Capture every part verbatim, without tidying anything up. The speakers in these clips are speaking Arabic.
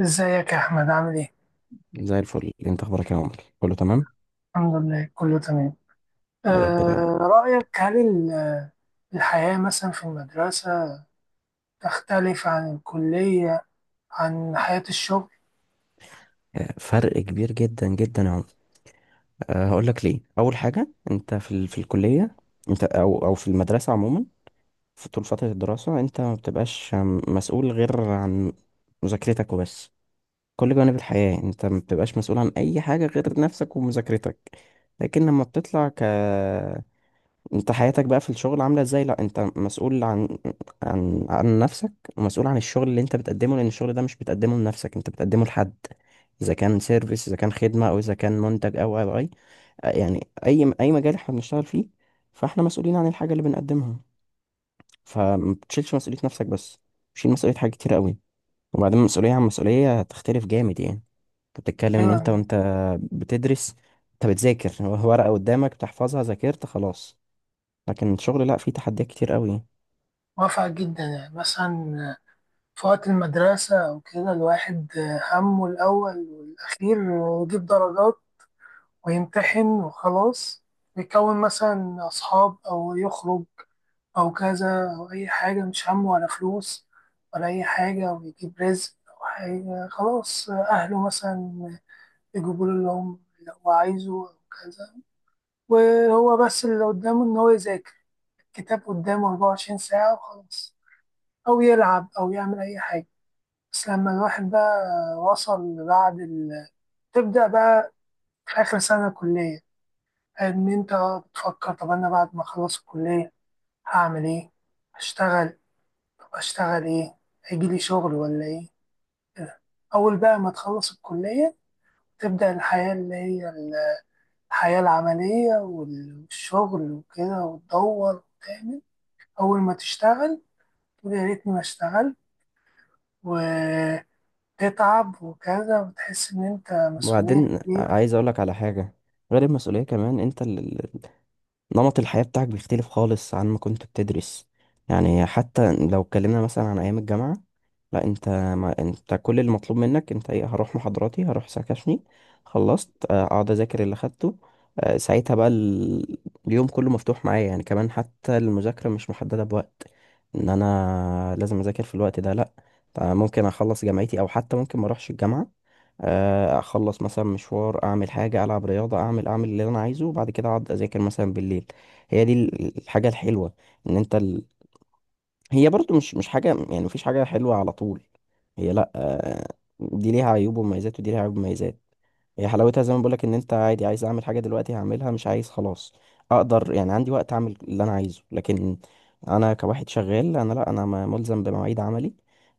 ازيك يا احمد؟ عامل ايه؟ زي الفل، انت اخبارك يا عمر؟ كله تمام. الحمد لله، كله تمام. يا رب دايما. أه رأيك، هل ال- الحياة مثلا في المدرسة تختلف عن الكلية، عن حياة الشغل؟ آه، فرق كبير جدا جدا يا عمر. أه هقول لك ليه. اول حاجه، انت في ال... في الكليه. انت او او في المدرسه عموما. في طول فتره الدراسه انت ما بتبقاش آم، مسؤول غير عن مذاكرتك وبس. كل جوانب الحياه انت ما بتبقاش مسؤول عن اي حاجه غير نفسك ومذاكرتك. لكن لما بتطلع ك انت، حياتك بقى في الشغل عاملة ازاي؟ لا، انت مسؤول عن عن عن نفسك، ومسؤول عن الشغل اللي انت بتقدمه، لان الشغل ده مش بتقدمه لنفسك، انت بتقدمه لحد. اذا كان سيرفيس، اذا كان خدمة، او اذا كان منتج، او او اي، يعني اي اي مجال احنا بنشتغل فيه. فاحنا مسؤولين عن الحاجة اللي بنقدمها. فما بتشيلش مسؤولية نفسك بس، بتشيل مسؤولية حاجات كتير قوي. وبعدين مسؤولية عن مسؤولية هتختلف جامد يعني. انت بتتكلم ان ايوه، انت أنا وانت بتدرس، انت بتذاكر ورقة قدامك بتحفظها، ذاكرت خلاص. لكن الشغل لا، فيه تحديات كتير قوي. موافق جدا. يعني مثلا في وقت المدرسة او كده، الواحد همه الاول والاخير إنه يجيب درجات ويمتحن وخلاص، ويكون مثلا اصحاب او يخرج أو كذا أو أي حاجة، مش همه ولا فلوس ولا أي حاجة، أو يجيب رزق أو حاجة، خلاص أهله مثلا يجيبوا له اللي هم اللي هو عايزه أو كذا. وهو بس اللي قدامه إن هو يذاكر الكتاب قدامه أربعة وعشرين ساعة وخلاص، أو يلعب أو يعمل أي حاجة. بس لما الواحد بقى وصل بعد ال... تبدأ بقى في آخر سنة كلية إن أنت بتفكر: طب أنا بعد ما أخلص الكلية هعمل إيه؟ هشتغل؟ اشتغل ايه؟ هيجيلي شغل ولا ايه؟ كده. اول بقى ما تخلص الكلية تبدأ الحياة اللي هي الحياة العملية والشغل وكده، وتدور وتعمل. اول ما تشتغل تقول يا ريتني ما اشتغلت، وتتعب وكذا، وتحس ان انت مسؤولية وبعدين كبيرة. عايز اقولك على حاجة: غير المسؤولية، كمان انت ال- ال- نمط الحياة بتاعك بيختلف خالص عن ما كنت بتدرس. يعني حتى لو اتكلمنا مثلا عن ايام الجامعة، لا، انت ما انت كل اللي مطلوب منك انت ايه؟ هروح محاضراتي، هروح سكاشني، خلصت، آه، اقعد اذاكر اللي خدته. آه، ساعتها بقى ال- اليوم كله مفتوح معايا يعني، كمان حتى المذاكرة مش محددة بوقت ان انا لازم اذاكر في الوقت ده، لا. آه، ممكن اخلص جامعتي، او حتى ممكن ما اروحش الجامعة. آه، اخلص مثلا مشوار، اعمل حاجه، العب رياضه، اعمل اعمل اللي انا عايزه، وبعد كده اقعد اذاكر مثلا بالليل. هي دي ال- الحاجه الحلوه، ان انت. هي برضو مش مش حاجة، يعني مفيش حاجة حلوة على طول. هي لأ. آه، دي ليها عيوب ومميزات، ودي ليها عيوب ومميزات. هي حلاوتها زي ما بقولك: إن أنت عادي، عايز أعمل حاجة دلوقتي هعملها، مش عايز خلاص. أقدر، يعني عندي وقت أعمل اللي أنا عايزه. لكن أنا كواحد شغال، أنا لأ، أنا م- ملزم بمواعيد عملي.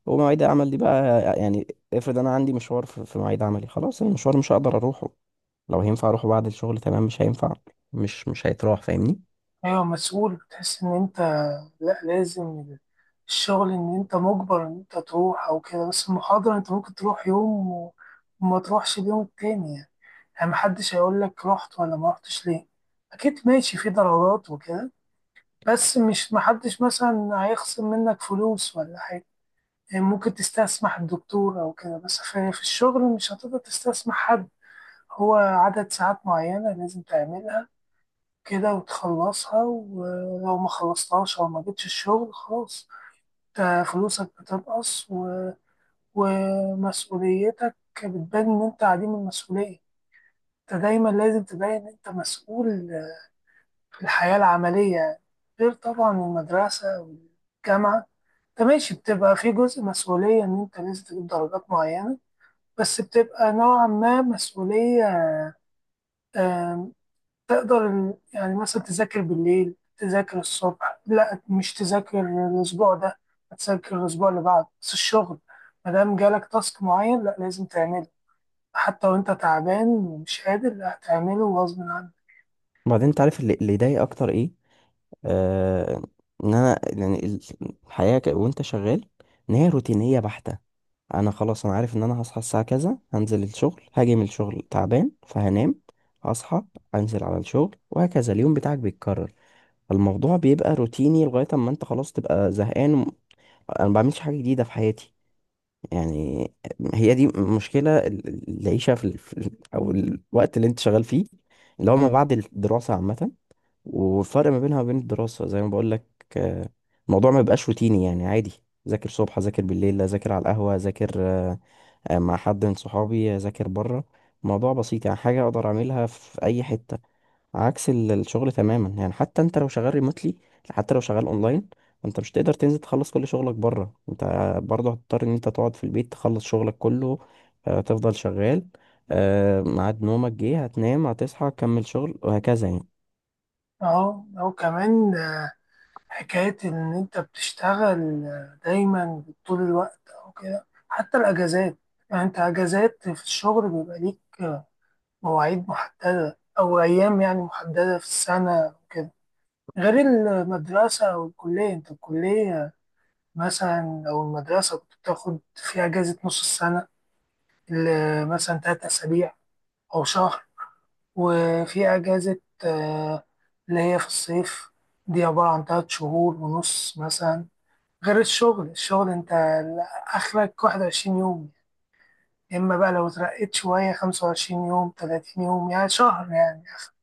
ومواعيد العمل دي بقى يعني، افرض أنا عندي مشوار في في مواعيد عملي، خلاص المشوار مش هقدر أروحه. لو هينفع أروحه بعد الشغل تمام، مش هينفع، مش مش هيتراح، فاهمني؟ ايوه، مسؤول. بتحس ان انت لا لازم. الشغل ان انت مجبر ان انت تروح او كده، بس المحاضرة انت ممكن تروح يوم و- وما تروحش اليوم التاني يعني. يعني محدش هيقول لك رحت ولا ما رحتش ليه. اكيد ماشي في ضرورات وكده، بس مش محدش مثلا هيخصم منك فلوس ولا حاجه. يعني ممكن تستسمح الدكتور او كده، بس في, في الشغل مش هتقدر تستسمح حد. هو عدد ساعات معينه لازم تعملها كده وتخلصها، ولو ما خلصتهاش او ما جبتش الشغل خلاص انت فلوسك بتنقص و... ومسؤوليتك بتبان ان انت عديم المسؤوليه. انت دايما لازم تبين ان انت مسؤول. الحياة العملية غير طبعا المدرسة والجامعة. انت ماشي بتبقى في جزء مسؤولية ان انت لازم تجيب درجات معينة، بس بتبقى نوعا ما مسؤولية. آم، تقدر ال- يعني مثلا تذاكر بالليل، تذاكر الصبح، لا مش تذاكر الأسبوع ده، هتذاكر الأسبوع اللي بعده. بس الشغل مادام جالك تاسك معين، لا لازم تعمله، حتى وانت تعبان ومش قادر لا هتعمله غصب عنك. بعدين، أنت عارف اللي اللي يضايق أكتر إيه؟ آه، ان انا يعني ال- الحياه ك- وانت شغال، ان هي روتينيه بحته. انا خلاص، انا عارف ان انا هصحى الساعه كذا، هنزل الشغل، هاجي من الشغل تعبان فهنام، هصحى، انزل على الشغل، وهكذا. اليوم بتاعك بيتكرر. الموضوع بيبقى روتيني لغايه اما انت خلاص تبقى زهقان وم- انا ما بعملش حاجه جديده في حياتي يعني. هي دي مشكله ال- العيشه في ال- في ال- او الوقت اللي انت شغال فيه اللي هو ما مم. بعد الدراسه عامه. والفرق ما بينها وبين الدراسة، زي ما بقول لك، آه، الموضوع ما بيبقاش روتيني يعني، عادي. ذاكر صبح، ذاكر بالليل، اذاكر على القهوة، اذاكر آه، آه، مع حد من صحابي، اذاكر بره. الموضوع بسيط يعني، حاجة اقدر اعملها في اي حتة. عكس ال- الشغل تماما يعني، حتى انت لو شغال ريموتلي، حتى لو شغال اونلاين، انت مش تقدر تنزل تخلص كل شغلك بره، انت برضه هتضطر ان انت تقعد في البيت تخلص شغلك كله. آه، تفضل شغال. آه، ميعاد نومك جه، هتنام، هتصحى، تكمل شغل، وهكذا يعني. اهو اهو كمان حكاية إن أنت بتشتغل دايما طول الوقت أو كده، حتى الأجازات. يعني أنت أجازات في الشغل بيبقى ليك مواعيد محددة أو أيام يعني محددة في السنة وكده، غير المدرسة أو الكلية. أنت الكلية مثلا أو المدرسة كنت بتاخد فيها أجازة نص السنة ل- مثلا تلات أسابيع أو شهر، وفي أجازة آه، اللي هي في الصيف، دي عبارة عن تلات شهور ونص مثلا. غير الشغل. الشغل انت اخرك واحد وعشرين يوم، يا اما بقى لو اترقيت شوية خمسة وعشرين يوم، تلاتين يوم يعني شهر، يعني اخر.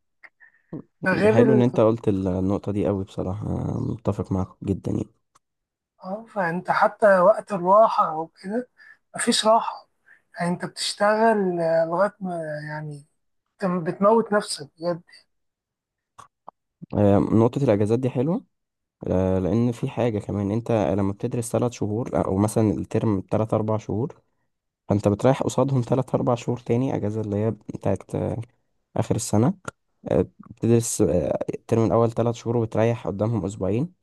ده غير حلو ان ال... انت قلت ال- النقطة دي، قوي بصراحة أنا متفق معاك جدا يعني. اه، فانت حتى وقت الراحة او كده مفيش راحة. يعني انت بتشتغل آه، لغاية ما، يعني انت بتموت نفسك بجد. آه، نقطة الاجازات دي حلوة. آه، لان في حاجة كمان: انت لما بتدرس ثلاث شهور، آه، او مثلا الترم تلات اربع شهور، فانت بتريح قصادهم تلات اربع شهور تاني، اجازة اللي هي بتاعت آه، اخر السنة. آه، بتدرس آه، الترم الأول ثلاث شهور وبتريح قدامهم أسبوعين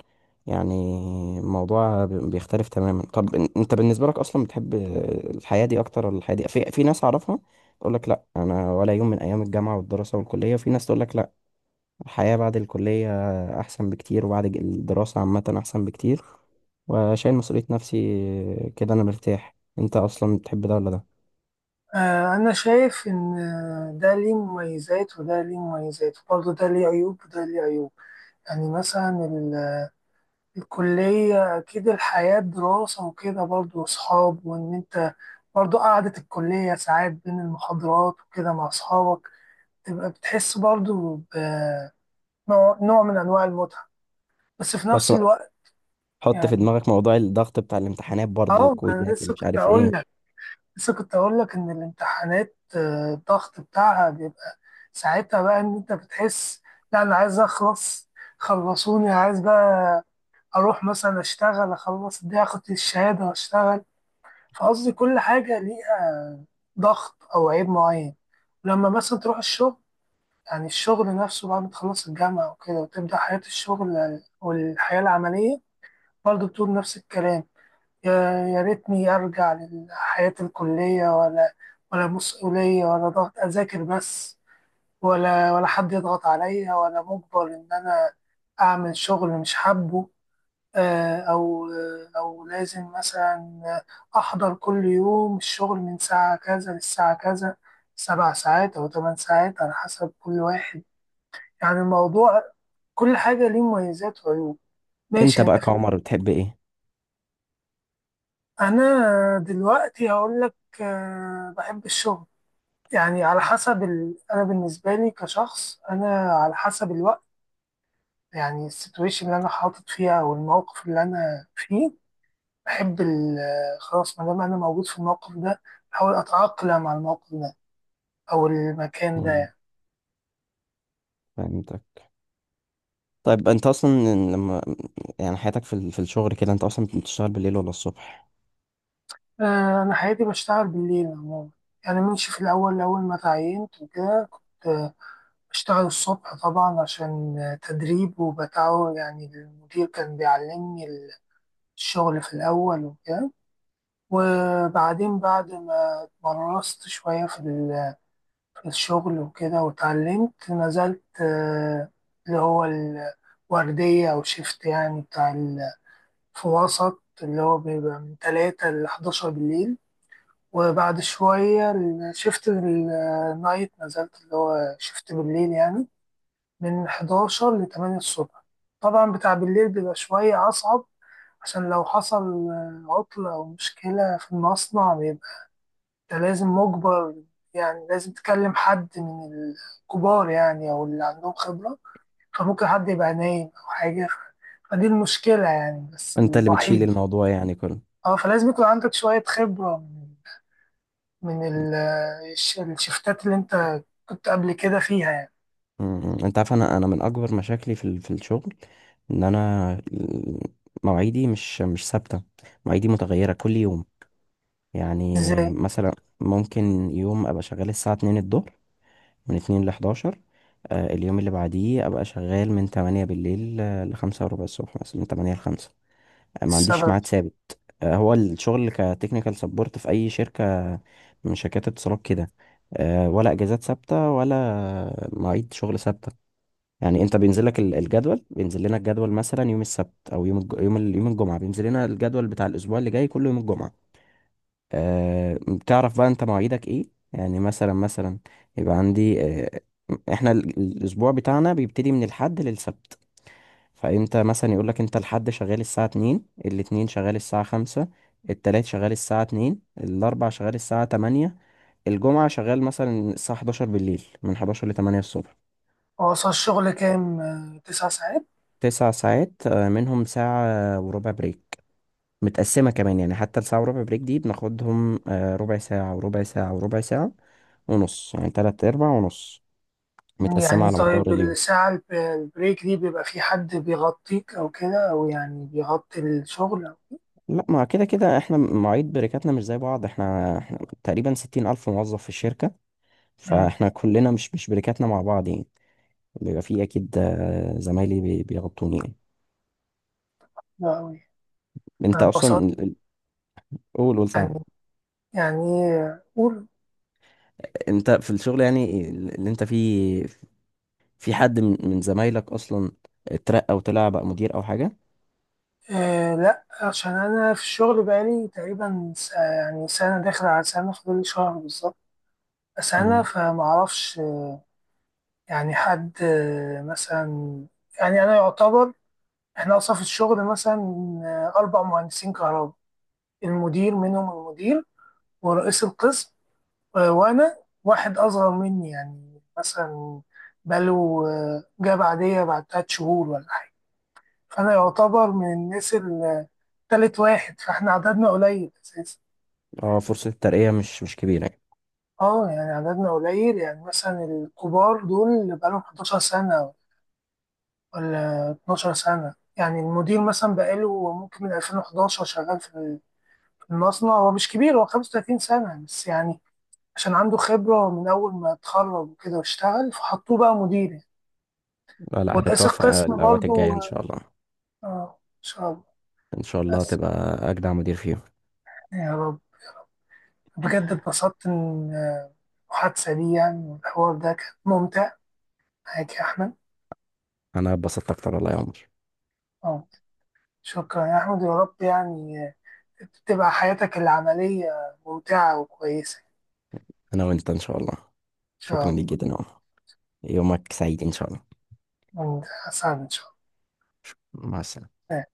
يعني. الموضوع بي- بيختلف تماما. طب إن- انت بالنسبة لك أصلا بتحب آه، الحياة دي أكتر ولا الحياة دي؟ في في ناس أعرفها تقول لك لا، أنا ولا يوم من أيام الجامعة والدراسة والكلية. وفي ناس تقول لك لا، الحياة بعد الكلية أحسن بكتير، وبعد ج- الدراسة عامة أحسن بكتير، وشايل مسؤولية نفسي آه، كده أنا مرتاح. انت أصلا بتحب ده ولا ده؟ آه، انا شايف ان آه، ده ليه مميزات وده ليه مميزات، وبرضه ده ليه عيوب وده ليه عيوب. يعني مثلا الكلية أكيد الحياة دراسة وكده، برضه وأصحاب، وإن أنت برضه قعدة الكلية ساعات بين المحاضرات وكده مع أصحابك، تبقى بتحس برضه بنوع نوع من أنواع المتعة، بس في بس نفس الوقت، حط في يعني. دماغك موضوع الضغط بتاع الامتحانات برضه أه ما أنا والكويزات لسه ومش كنت عارف أقول ايه. لك، لسه كنت أقول لك إن الامتحانات آه، الضغط بتاعها بيبقى. ساعتها بقى إن أنت بتحس: لا أنا عايز أخلص، خلصوني، عايز بقى أروح مثلا أشتغل، أخلص دي، أخد الشهادة وأشتغل. فقصدي كل حاجة ليها ضغط أو عيب معين. لما مثلا تروح الشغل، يعني الشغل نفسه بعد ما تخلص الجامعة وكده وتبدأ حياة الشغل والحياة العملية، برضه بتقول نفس الكلام: يا يا ريتني أرجع لحياة الكلية، ولا ولا مسؤولية ولا ضغط، أذاكر بس، ولا ولا حد يضغط عليا ولا مجبر إن أنا أعمل شغل مش حابه، آه، أو أو لازم مثلا أحضر كل يوم الشغل من ساعة كذا للساعة كذا، سبع ساعات أو ثمان ساعات على حسب كل واحد. يعني الموضوع، كل حاجة ليه مميزات وعيوب. انت ماشي، أنت بقى في. كعمر بتحب ايه؟ أنا دلوقتي هقول لك آه، بحب الشغل. يعني على حسب ال... أنا بالنسبة لي كشخص، أنا على حسب الوقت، يعني السيتويشن اللي أنا حاطط فيها أو الموقف اللي أنا فيه، بحب ال- خلاص ما دام أنا موجود في الموقف ده، أحاول أتأقلم مع الموقف ده أو المكان مم، ده. فهمتك. طيب انت اصلا، لما يعني حياتك في ال- في الشغل كده، انت اصلا بتشتغل بالليل ولا الصبح؟ آه، أنا حياتي بشتغل بالليل عموما. يعني ماشي في الأول، أول ما تعينت وكده كنت آه، بشتغل الصبح طبعا، عشان آه، تدريب وبتعود. يعني المدير كان بيعلمني الشغل في الأول وكده، وبعدين بعد ما اتمرست شوية في ال الشغل وكده واتعلمت، نزلت آه، اللي هو الوردية أو شيفت يعني بتاع ال- في وسط، اللي هو بيبقى من تلاتة لحداشر بالليل. وبعد شوية الشيفت النايت، نزلت اللي هو شيفت بالليل يعني، من حداشر لتمانية الصبح. طبعا بتاع بالليل بيبقى شوية أصعب، عشان لو حصل آه، عطلة أو مشكلة في المصنع، انت لازم مجبر، يعني لازم تكلم حد من الكبار يعني، او اللي عندهم خبرة، فممكن حد يبقى نايم او حاجة، فدي المشكلة يعني، بس انت اللي بتشيل الوحيد. الموضوع يعني كله. اه، فلازم يكون عندك شوية خبرة من من ال- الش- الشفتات اللي انت كنت قبل كده فيها يعني. مم، انت عارف، انا انا من اكبر مشاكلي في ال- في الشغل، ان انا ال- مواعيدي مش مش ثابته، مواعيدي متغيره كل يوم يعني. ازاي؟ مثلا، ممكن يوم ابقى شغال الساعه اتنين الظهر، من اتنين ل حداشر. آه، اليوم اللي بعديه ابقى شغال من تمانية بالليل آه، ل خمسة وربع الصبح، مثلا من تمانية ل خمسة. ما عنديش السبب. ميعاد ثابت. آه، هو الشغل كتكنيكال سبورت في اي شركه من شركات اتصالات كده، آه، ولا اجازات ثابته ولا مواعيد شغل ثابته يعني. انت بينزل لك ال- الجدول، بينزل لنا الجدول مثلا يوم السبت او يوم الج... يوم ال... يوم الجمعه، بينزل لنا الجدول بتاع الاسبوع اللي جاي كل يوم الجمعه. أه... بتعرف بقى انت مواعيدك ايه. يعني مثلا مثلا يبقى عندي أه... احنا ال- الاسبوع بتاعنا بيبتدي من الحد للسبت. فانت مثلا يقول لك: انت الحد شغال الساعه اتنين، الاثنين شغال الساعه خمسة، التلات شغال الساعه اتنين، الاربع شغال الساعه تمانية، الجمعه شغال مثلا الساعه حداشر بالليل، من حداشر ل تمانية الصبح. هو اصلا الشغل كام؟ آه، تسع ساعات. تسع ساعات، آه، منهم ساعه وربع بريك، متقسمه كمان يعني. حتى الساعه وربع بريك دي بناخدهم آه، ربع ساعه وربع ساعه وربع ساعه ونص يعني، تلات ارباع ونص، متقسمه يعني على مدار طيب، اليوم. الساعة الب- البريك دي بيبقى في حد بيغطيك أو كده، أو يعني بيغطي الشغل أو. لا، ما كده كده احنا مواعيد بريكاتنا مش زي بعض. احنا, احنا تقريبا ستين ألف موظف في الشركة، مم. فاحنا كلنا مش مش بريكاتنا مع بعض يعني. بيبقى في اكيد، آه، زمايلي بي- بيغطوني يعني. لا أوي. انت اصلا اتبسطت، ال- ال- قول قول يعني ساعة. يعني قول. انت في الشغل يعني ال- اللي انت فيه، في حد من من زمايلك اصلا اترقى وطلع بقى مدير او حاجة؟ آه لا، عشان انا في الشغل بقالي تقريبا س- يعني سنه داخل على سنه، فاضل لي شهر بالظبط سنه، مم. فمعرفش. يعني حد آه، مثلا، يعني انا يعتبر، احنا اصلا في الشغل مثلا آه، اربع مهندسين كهرباء. المدير منهم، المدير ورئيس القسم آه، وانا. واحد اصغر مني يعني مثلا بقاله آه، جاب عاديه بعد تلات شهور ولا حاجه. فانا يعتبر من الناس اللي تالت واحد، فاحنا عددنا قليل اساسا. اه، فرصة الترقية مش مش كبيرة يعني. اه، يعني عددنا قليل. يعني مثلا الكبار دول اللي بقالهم حداشر سنة ولا اتناشر سنة. يعني المدير مثلا بقاله ممكن من ألفين وحداشر شغال في المصنع. هو مش كبير، هو خمسة وتلاتين سنة بس يعني، عشان عنده خبرة من أول ما اتخرج وكده واشتغل، فحطوه بقى مدير يعني. لا لا، ورئيس هتتوفق القسم الأوقات برضو، الجاية إن اه. شاء الله. آه، إن شاء الله. إن شاء الله بس تبقى أجدع مدير فيهم. يعني يا رب. بجد اتبسطت إن آه، المحادثة دي يعني والحوار ده كان ممتع معاك يا أحمد. أنا اتبسطت أكتر والله يا عمر. اه، شكرا يا أحمد. يا رب يعني تبقى حياتك العملية ممتعة وكويسة. أنا وأنت إن شاء الله. إن شاء شكرا الله. ليك جدا يا عمر. يومك سعيد إن شاء الله. وأنت، سعد إن شاء مع السلامة. الله.